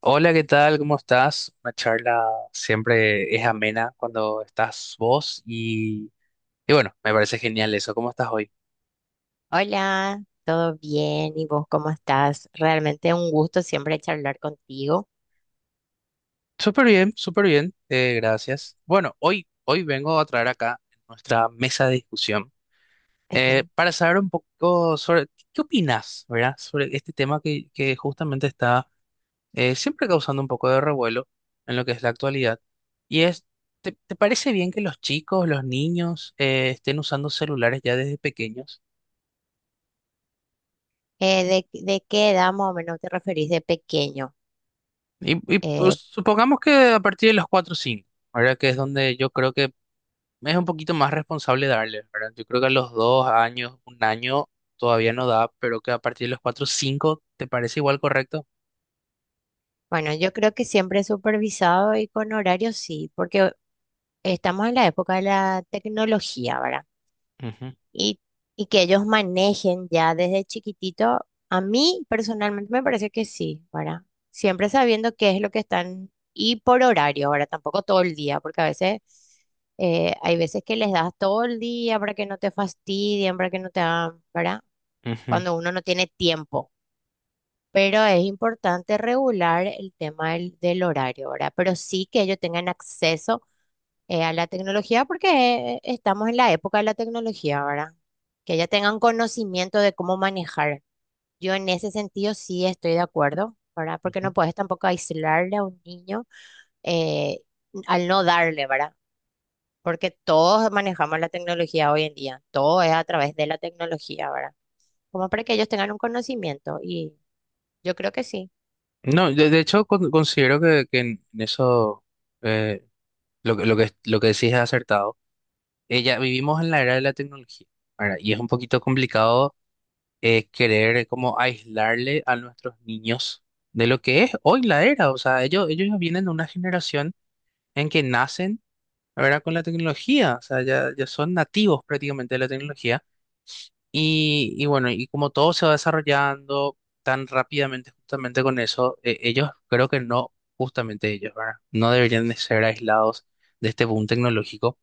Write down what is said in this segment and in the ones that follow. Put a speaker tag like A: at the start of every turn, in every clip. A: Hola, ¿qué tal? ¿Cómo estás? Una charla siempre es amena cuando estás vos y bueno, me parece genial eso. ¿Cómo estás hoy?
B: Hola, ¿todo bien? ¿Y vos cómo estás? Realmente un gusto siempre charlar contigo.
A: Súper bien, gracias. Bueno, hoy vengo a traer acá nuestra mesa de discusión para saber un poco sobre qué opinas, ¿verdad? Sobre este tema que justamente está siempre causando un poco de revuelo en lo que es la actualidad. Y es, ¿te parece bien que los chicos, los niños estén usando celulares ya desde pequeños?
B: Eh, ¿de qué edad más o menos te referís de pequeño?
A: Y, pues,
B: Eh,
A: supongamos que a partir de los 4 o 5, ¿verdad? Que es donde yo creo que es un poquito más responsable darle, ¿verdad? Yo creo que a los 2 años, un año todavía no da, pero que a partir de los 4 o 5, ¿te parece igual correcto?
B: bueno, yo creo que siempre supervisado y con horario sí, porque estamos en la época de la tecnología, ¿verdad?
A: Ujú,
B: y, y que ellos manejen ya desde chiquitito, a mí personalmente me parece que sí, ¿verdad? Siempre sabiendo qué es lo que están y por horario, ahora tampoco todo el día, porque a veces hay veces que les das todo el día para que no te fastidien, para que no te hagan, ¿verdad?
A: ujú,
B: Cuando uno no tiene tiempo. Pero es importante regular el tema del horario, ¿verdad? Pero sí que ellos tengan acceso a la tecnología porque estamos en la época de la tecnología, ¿verdad? Que ya tengan conocimiento de cómo manejar. Yo en ese sentido sí estoy de acuerdo, ¿verdad? Porque no
A: ujú.
B: puedes tampoco aislarle a un niño eh, al no darle, ¿verdad? Porque todos manejamos la tecnología hoy en día, todo es a través de la tecnología, ¿verdad? Como para que ellos tengan un conocimiento y yo creo que sí.
A: No, de hecho considero que en eso eh, lo que decís es acertado. Ya vivimos en la era de la tecnología, ¿verdad? Y es un poquito complicado querer como aislarle a nuestros niños de lo que es hoy la era. O sea, ellos ya vienen de una generación en que nacen, ¿verdad?, con la tecnología. O sea, ya son nativos prácticamente de la tecnología. Y bueno, y como todo se va desarrollando tan rápidamente justamente con eso, ellos creo que no, justamente ellos, ¿verdad? No deberían de ser aislados de este boom tecnológico,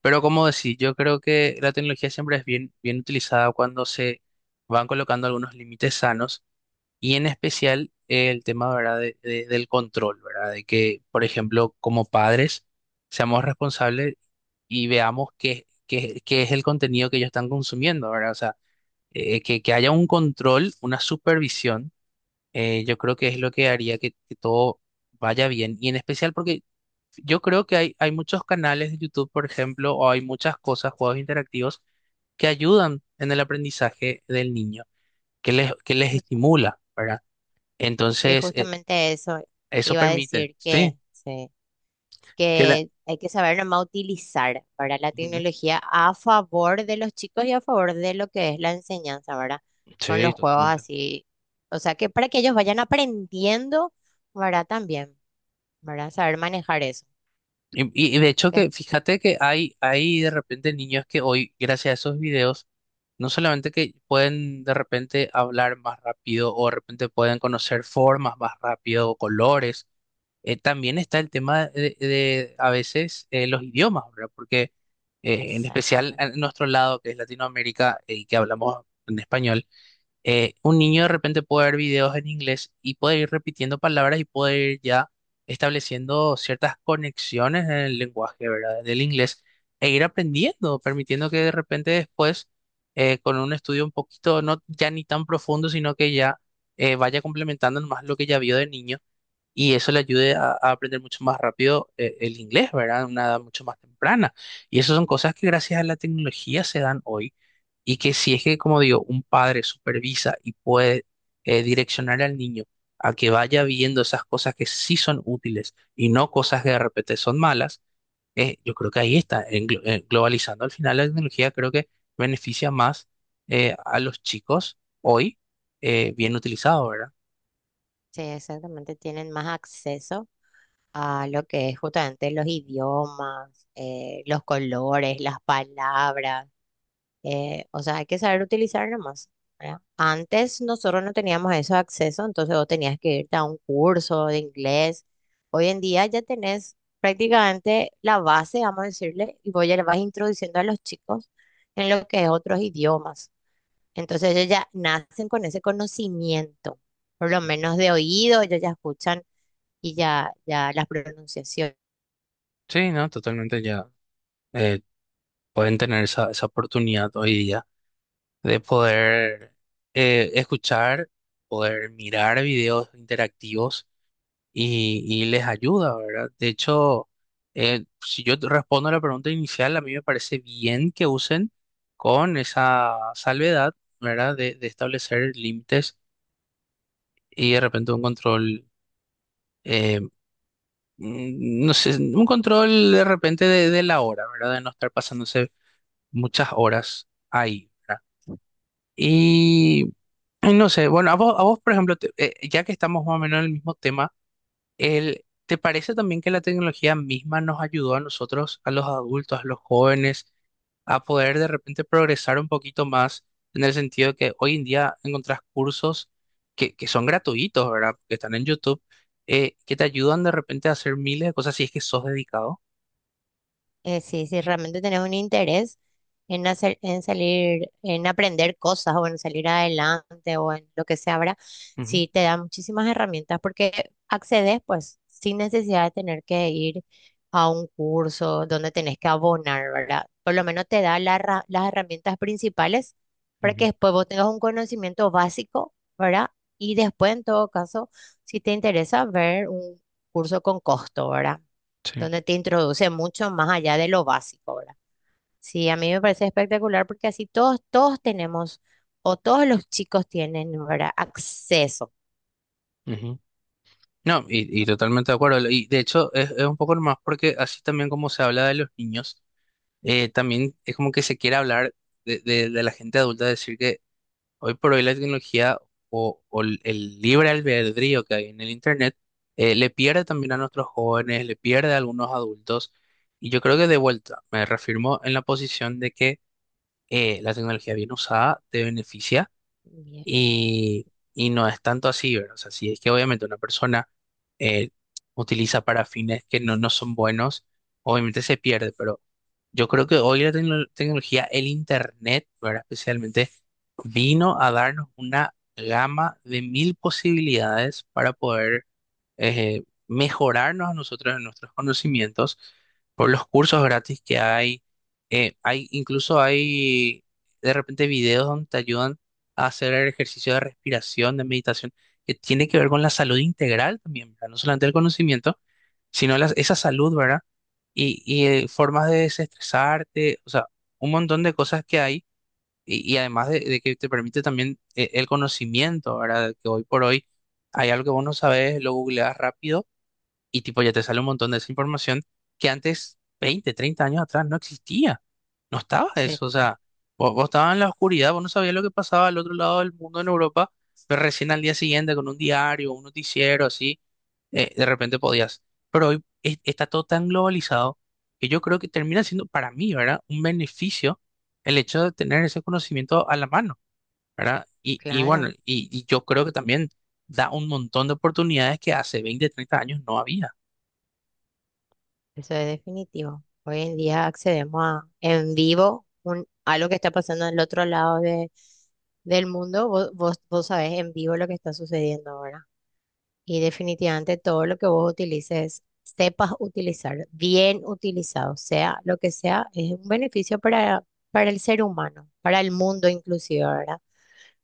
A: pero como decir yo creo que la tecnología siempre es bien utilizada cuando se van colocando algunos límites sanos y en especial el tema, ¿verdad?, del control, ¿verdad? De que, por ejemplo, como padres seamos responsables y veamos qué es el contenido que ellos están consumiendo, ¿verdad? O sea, que haya un control, una supervisión. Yo creo que es lo que haría que todo vaya bien y en especial porque yo creo que hay muchos canales de YouTube, por ejemplo, o hay muchas cosas, juegos interactivos, que ayudan en el aprendizaje del niño, que les
B: justo-
A: estimula, ¿verdad?
B: Y
A: Entonces,
B: justamente eso
A: eso
B: iba a
A: permite,
B: decir
A: sí,
B: sí.
A: que la...
B: Que hay que saber nomás utilizar para la
A: Ujú.
B: tecnología a favor de los chicos y a favor de lo que es la enseñanza, ¿verdad? Con
A: Sí,
B: los juegos
A: totalmente.
B: así, o sea, que para que ellos vayan aprendiendo, ¿verdad? También, ¿verdad? Saber manejar eso.
A: Y de hecho
B: que-
A: que, fíjate que hay de repente niños que hoy, gracias a esos videos, no solamente que pueden de repente hablar más rápido o de repente pueden conocer formas más rápido o colores, también está el tema de, a veces los idiomas, ¿verdad? Porque en especial
B: Exactamente,
A: en nuestro lado, que es Latinoamérica, y que hablamos en español, un niño de repente puede ver videos en inglés y puede ir repitiendo palabras y puede ir ya estableciendo ciertas conexiones en el lenguaje, ¿verdad? Del inglés e ir aprendiendo, permitiendo que de repente después, con un estudio un poquito, no ya ni tan profundo, sino que ya vaya complementando más lo que ya vio de niño y eso le ayude a aprender mucho más rápido el inglés, ¿verdad? A una edad mucho más temprana. Y esas son cosas que gracias a la tecnología se dan hoy y que si es que, como digo, un padre supervisa y puede direccionar al niño a que vaya viendo esas cosas que sí son útiles y no cosas que de repente son malas. Yo creo que ahí está, globalizando al final la tecnología creo que beneficia más a los chicos hoy bien utilizado, ¿verdad?
B: sí, exactamente, tienen más acceso a lo que es justamente los idiomas, los colores, las palabras. O sea, hay que saber utilizar nomás, ¿verdad? Antes nosotros no teníamos esos accesos, entonces vos tenías que irte a un curso de inglés. Hoy en día ya tenés prácticamente la base, vamos a decirle, y vos ya le vas introduciendo a los chicos en lo que es otros idiomas. Entonces ellos ya nacen con ese conocimiento, por lo
A: Ujú.
B: menos de oído, ellos ya escuchan y ya, ya las pronunciaciones.
A: Sí, no, totalmente ya. Pueden tener esa, esa oportunidad hoy día de poder escuchar, poder mirar videos interactivos y les ayuda, ¿verdad? De hecho, si yo te respondo a la pregunta inicial, a mí me parece bien que usen con esa salvedad, ¿verdad? De establecer límites y de repente un control. eh, No sé, un control de repente de la hora, ¿verdad? De no estar pasándose muchas horas ahí, ¿verdad? Y ay, no sé, bueno, a vos por ejemplo, ya que estamos más o menos en el mismo tema, ¿te parece también que la tecnología misma nos ayudó a nosotros, a los adultos, a los jóvenes, a poder de repente progresar un poquito más en el sentido de que hoy en día encontrás cursos que son gratuitos, ¿verdad? Que están en YouTube, que te ayudan de repente a hacer miles de cosas si es que sos dedicado?
B: Sí, sí, realmente tenés un interés en hacer, en salir, en aprender cosas o en salir adelante o en lo que sea, ¿verdad?
A: Ujú,
B: Sí, te da muchísimas herramientas porque accedes pues sin necesidad de tener que ir a un curso donde tenés que abonar, ¿verdad? Por lo menos te da la las herramientas principales para que
A: ujú,
B: después vos tengas un conocimiento básico, ¿verdad? Y después, en todo caso, si te interesa ver un curso con costo, ¿verdad?
A: sí,
B: Donde te introduce mucho más allá de lo básico, ¿verdad? Sí, a mí me parece espectacular porque así todos, todos tenemos, o todos los chicos tienen, ¿verdad? Acceso.
A: ujú. No, y totalmente de acuerdo. Y de hecho es un poco más porque así también como se habla de los niños. También es como que se quiere hablar de, de la gente adulta, decir que hoy por hoy la tecnología o el libre albedrío que hay en el Internet le pierde también a nuestros jóvenes, le pierde a algunos adultos. Y yo creo que de vuelta me reafirmo en la posición de que la tecnología bien usada te beneficia
B: Bien,
A: y, y no es tanto así, ¿verdad? O sea, si es que obviamente una persona eh, utiliza para fines que no, no son buenos, obviamente se pierde, pero yo creo que hoy la tecnología, el Internet, ¿verdad? Especialmente, vino a darnos una gama de mil posibilidades para poder mejorarnos a nosotros en nuestros conocimientos por los cursos gratis que hay. Incluso hay de repente videos donde te ayudan a hacer ejercicio de respiración, de meditación, que tiene que ver con la salud integral también, ¿verdad? No solamente el conocimiento, sino esa salud, ¿verdad? Formas de desestresarte, o sea, un montón de cosas que hay y además de que te permite también el conocimiento, ¿verdad? Que hoy por hoy hay algo que vos no sabes, lo googleas rápido y tipo ya te sale un montón de esa información que antes, 20 30 años atrás, no existía. No estaba
B: sí,
A: eso. O
B: sí,
A: sea, vos estabas en la oscuridad, vos no sabías lo que pasaba al otro lado del mundo en Europa, pero recién al día siguiente con un diario, un noticiero, así de repente podías. Pero hoy está todo tan globalizado que yo creo que termina siendo para mí, ¿verdad?, un beneficio el hecho de tener ese conocimiento a la mano, ¿verdad?
B: claro,
A: Y yo creo que también da un montón de oportunidades que hace 20 30 años no había.
B: eso es definitivo. Hoy en día accedemos a en vivo un, a lo que está pasando en el otro lado de, del mundo. Vos sabés en vivo lo que está sucediendo, ¿verdad? Y definitivamente todo lo que vos utilices, sepas utilizar, bien utilizado, sea lo que sea, es un beneficio para el ser humano, para el mundo inclusive, ¿verdad?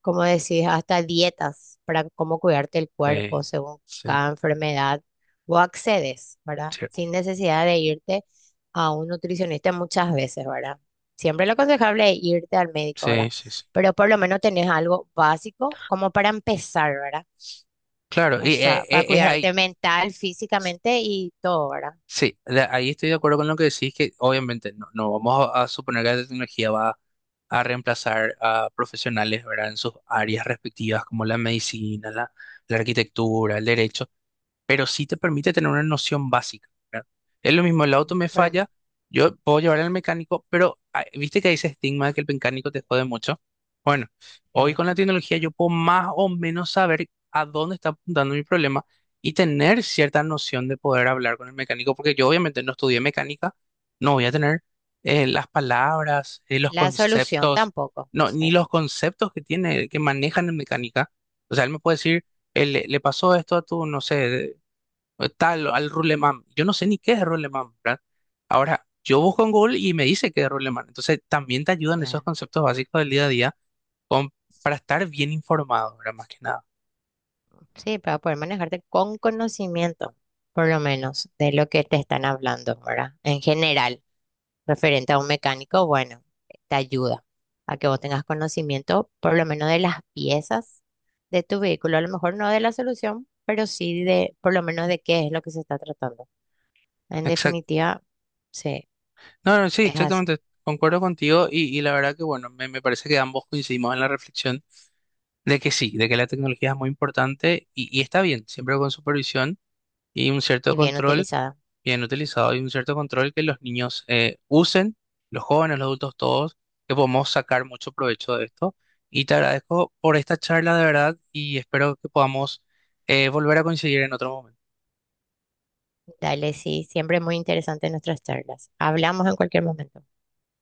B: Como decís, hasta dietas para cómo cuidarte el cuerpo
A: Eh,
B: según
A: sí,
B: cada enfermedad, vos accedes, ¿verdad?
A: sí,
B: Sin necesidad de irte a un nutricionista muchas veces, ¿verdad? Siempre lo aconsejable es irte al médico, ¿verdad?
A: sí, sí, sí.
B: Pero por lo menos tenés algo básico como para empezar, ¿verdad?
A: Claro,
B: O sea, para
A: es ahí.
B: cuidarte mental, físicamente y todo, ¿verdad?
A: Sí, ahí estoy de acuerdo con lo que decís, que obviamente no, no vamos a suponer que la tecnología va a reemplazar a profesionales, ¿verdad? En sus áreas respectivas, como la medicina, la arquitectura, el derecho, pero sí te permite tener una noción básica, ¿verdad? Es lo mismo, el auto me
B: Pero,
A: falla, yo puedo llevar al mecánico, pero ah, viste que hay ese estigma de que el mecánico te jode mucho. Bueno, hoy
B: eh,
A: con la tecnología yo puedo más o menos saber a dónde está apuntando mi problema y tener cierta noción de poder hablar con el mecánico, porque yo obviamente no estudié mecánica, no voy a tener las palabras, los
B: la solución
A: conceptos,
B: tampoco.
A: no, ni
B: Sí,
A: los conceptos que tiene, que manejan en mecánica. O sea, él me puede decir le pasó esto a tu, no sé, tal, al Ruleman. Yo no sé ni qué es Ruleman, ¿verdad? Ahora, yo busco en Google y me dice qué es Ruleman. Entonces, también te ayudan esos
B: claro.
A: conceptos básicos del día a día con- para estar bien informado, ¿verdad? Más que nada.
B: Sí, para poder manejarte con conocimiento, por lo menos, de lo que te están hablando, ¿verdad? En general, referente a un mecánico, bueno, te ayuda a que vos tengas conocimiento, por lo menos de las piezas de tu vehículo, a lo mejor no de la solución, pero sí de, por lo menos de qué es lo que se está tratando. En
A: Exacto.
B: definitiva, sí,
A: No, no, sí,
B: es así
A: exactamente. Concuerdo contigo y la verdad que, bueno, me parece que ambos coincidimos en la reflexión de que sí, de que la tecnología es muy importante y está bien, siempre con supervisión y un cierto
B: y bien
A: control.
B: utilizada.
A: Bien utilizado y un cierto control que los niños usen, los jóvenes, los adultos, todos, que podemos sacar mucho provecho de esto. Y te agradezco por esta charla de verdad y espero que podamos volver a coincidir en otro momento.
B: Dale, sí, siempre muy interesante nuestras charlas. Hablamos en cualquier momento.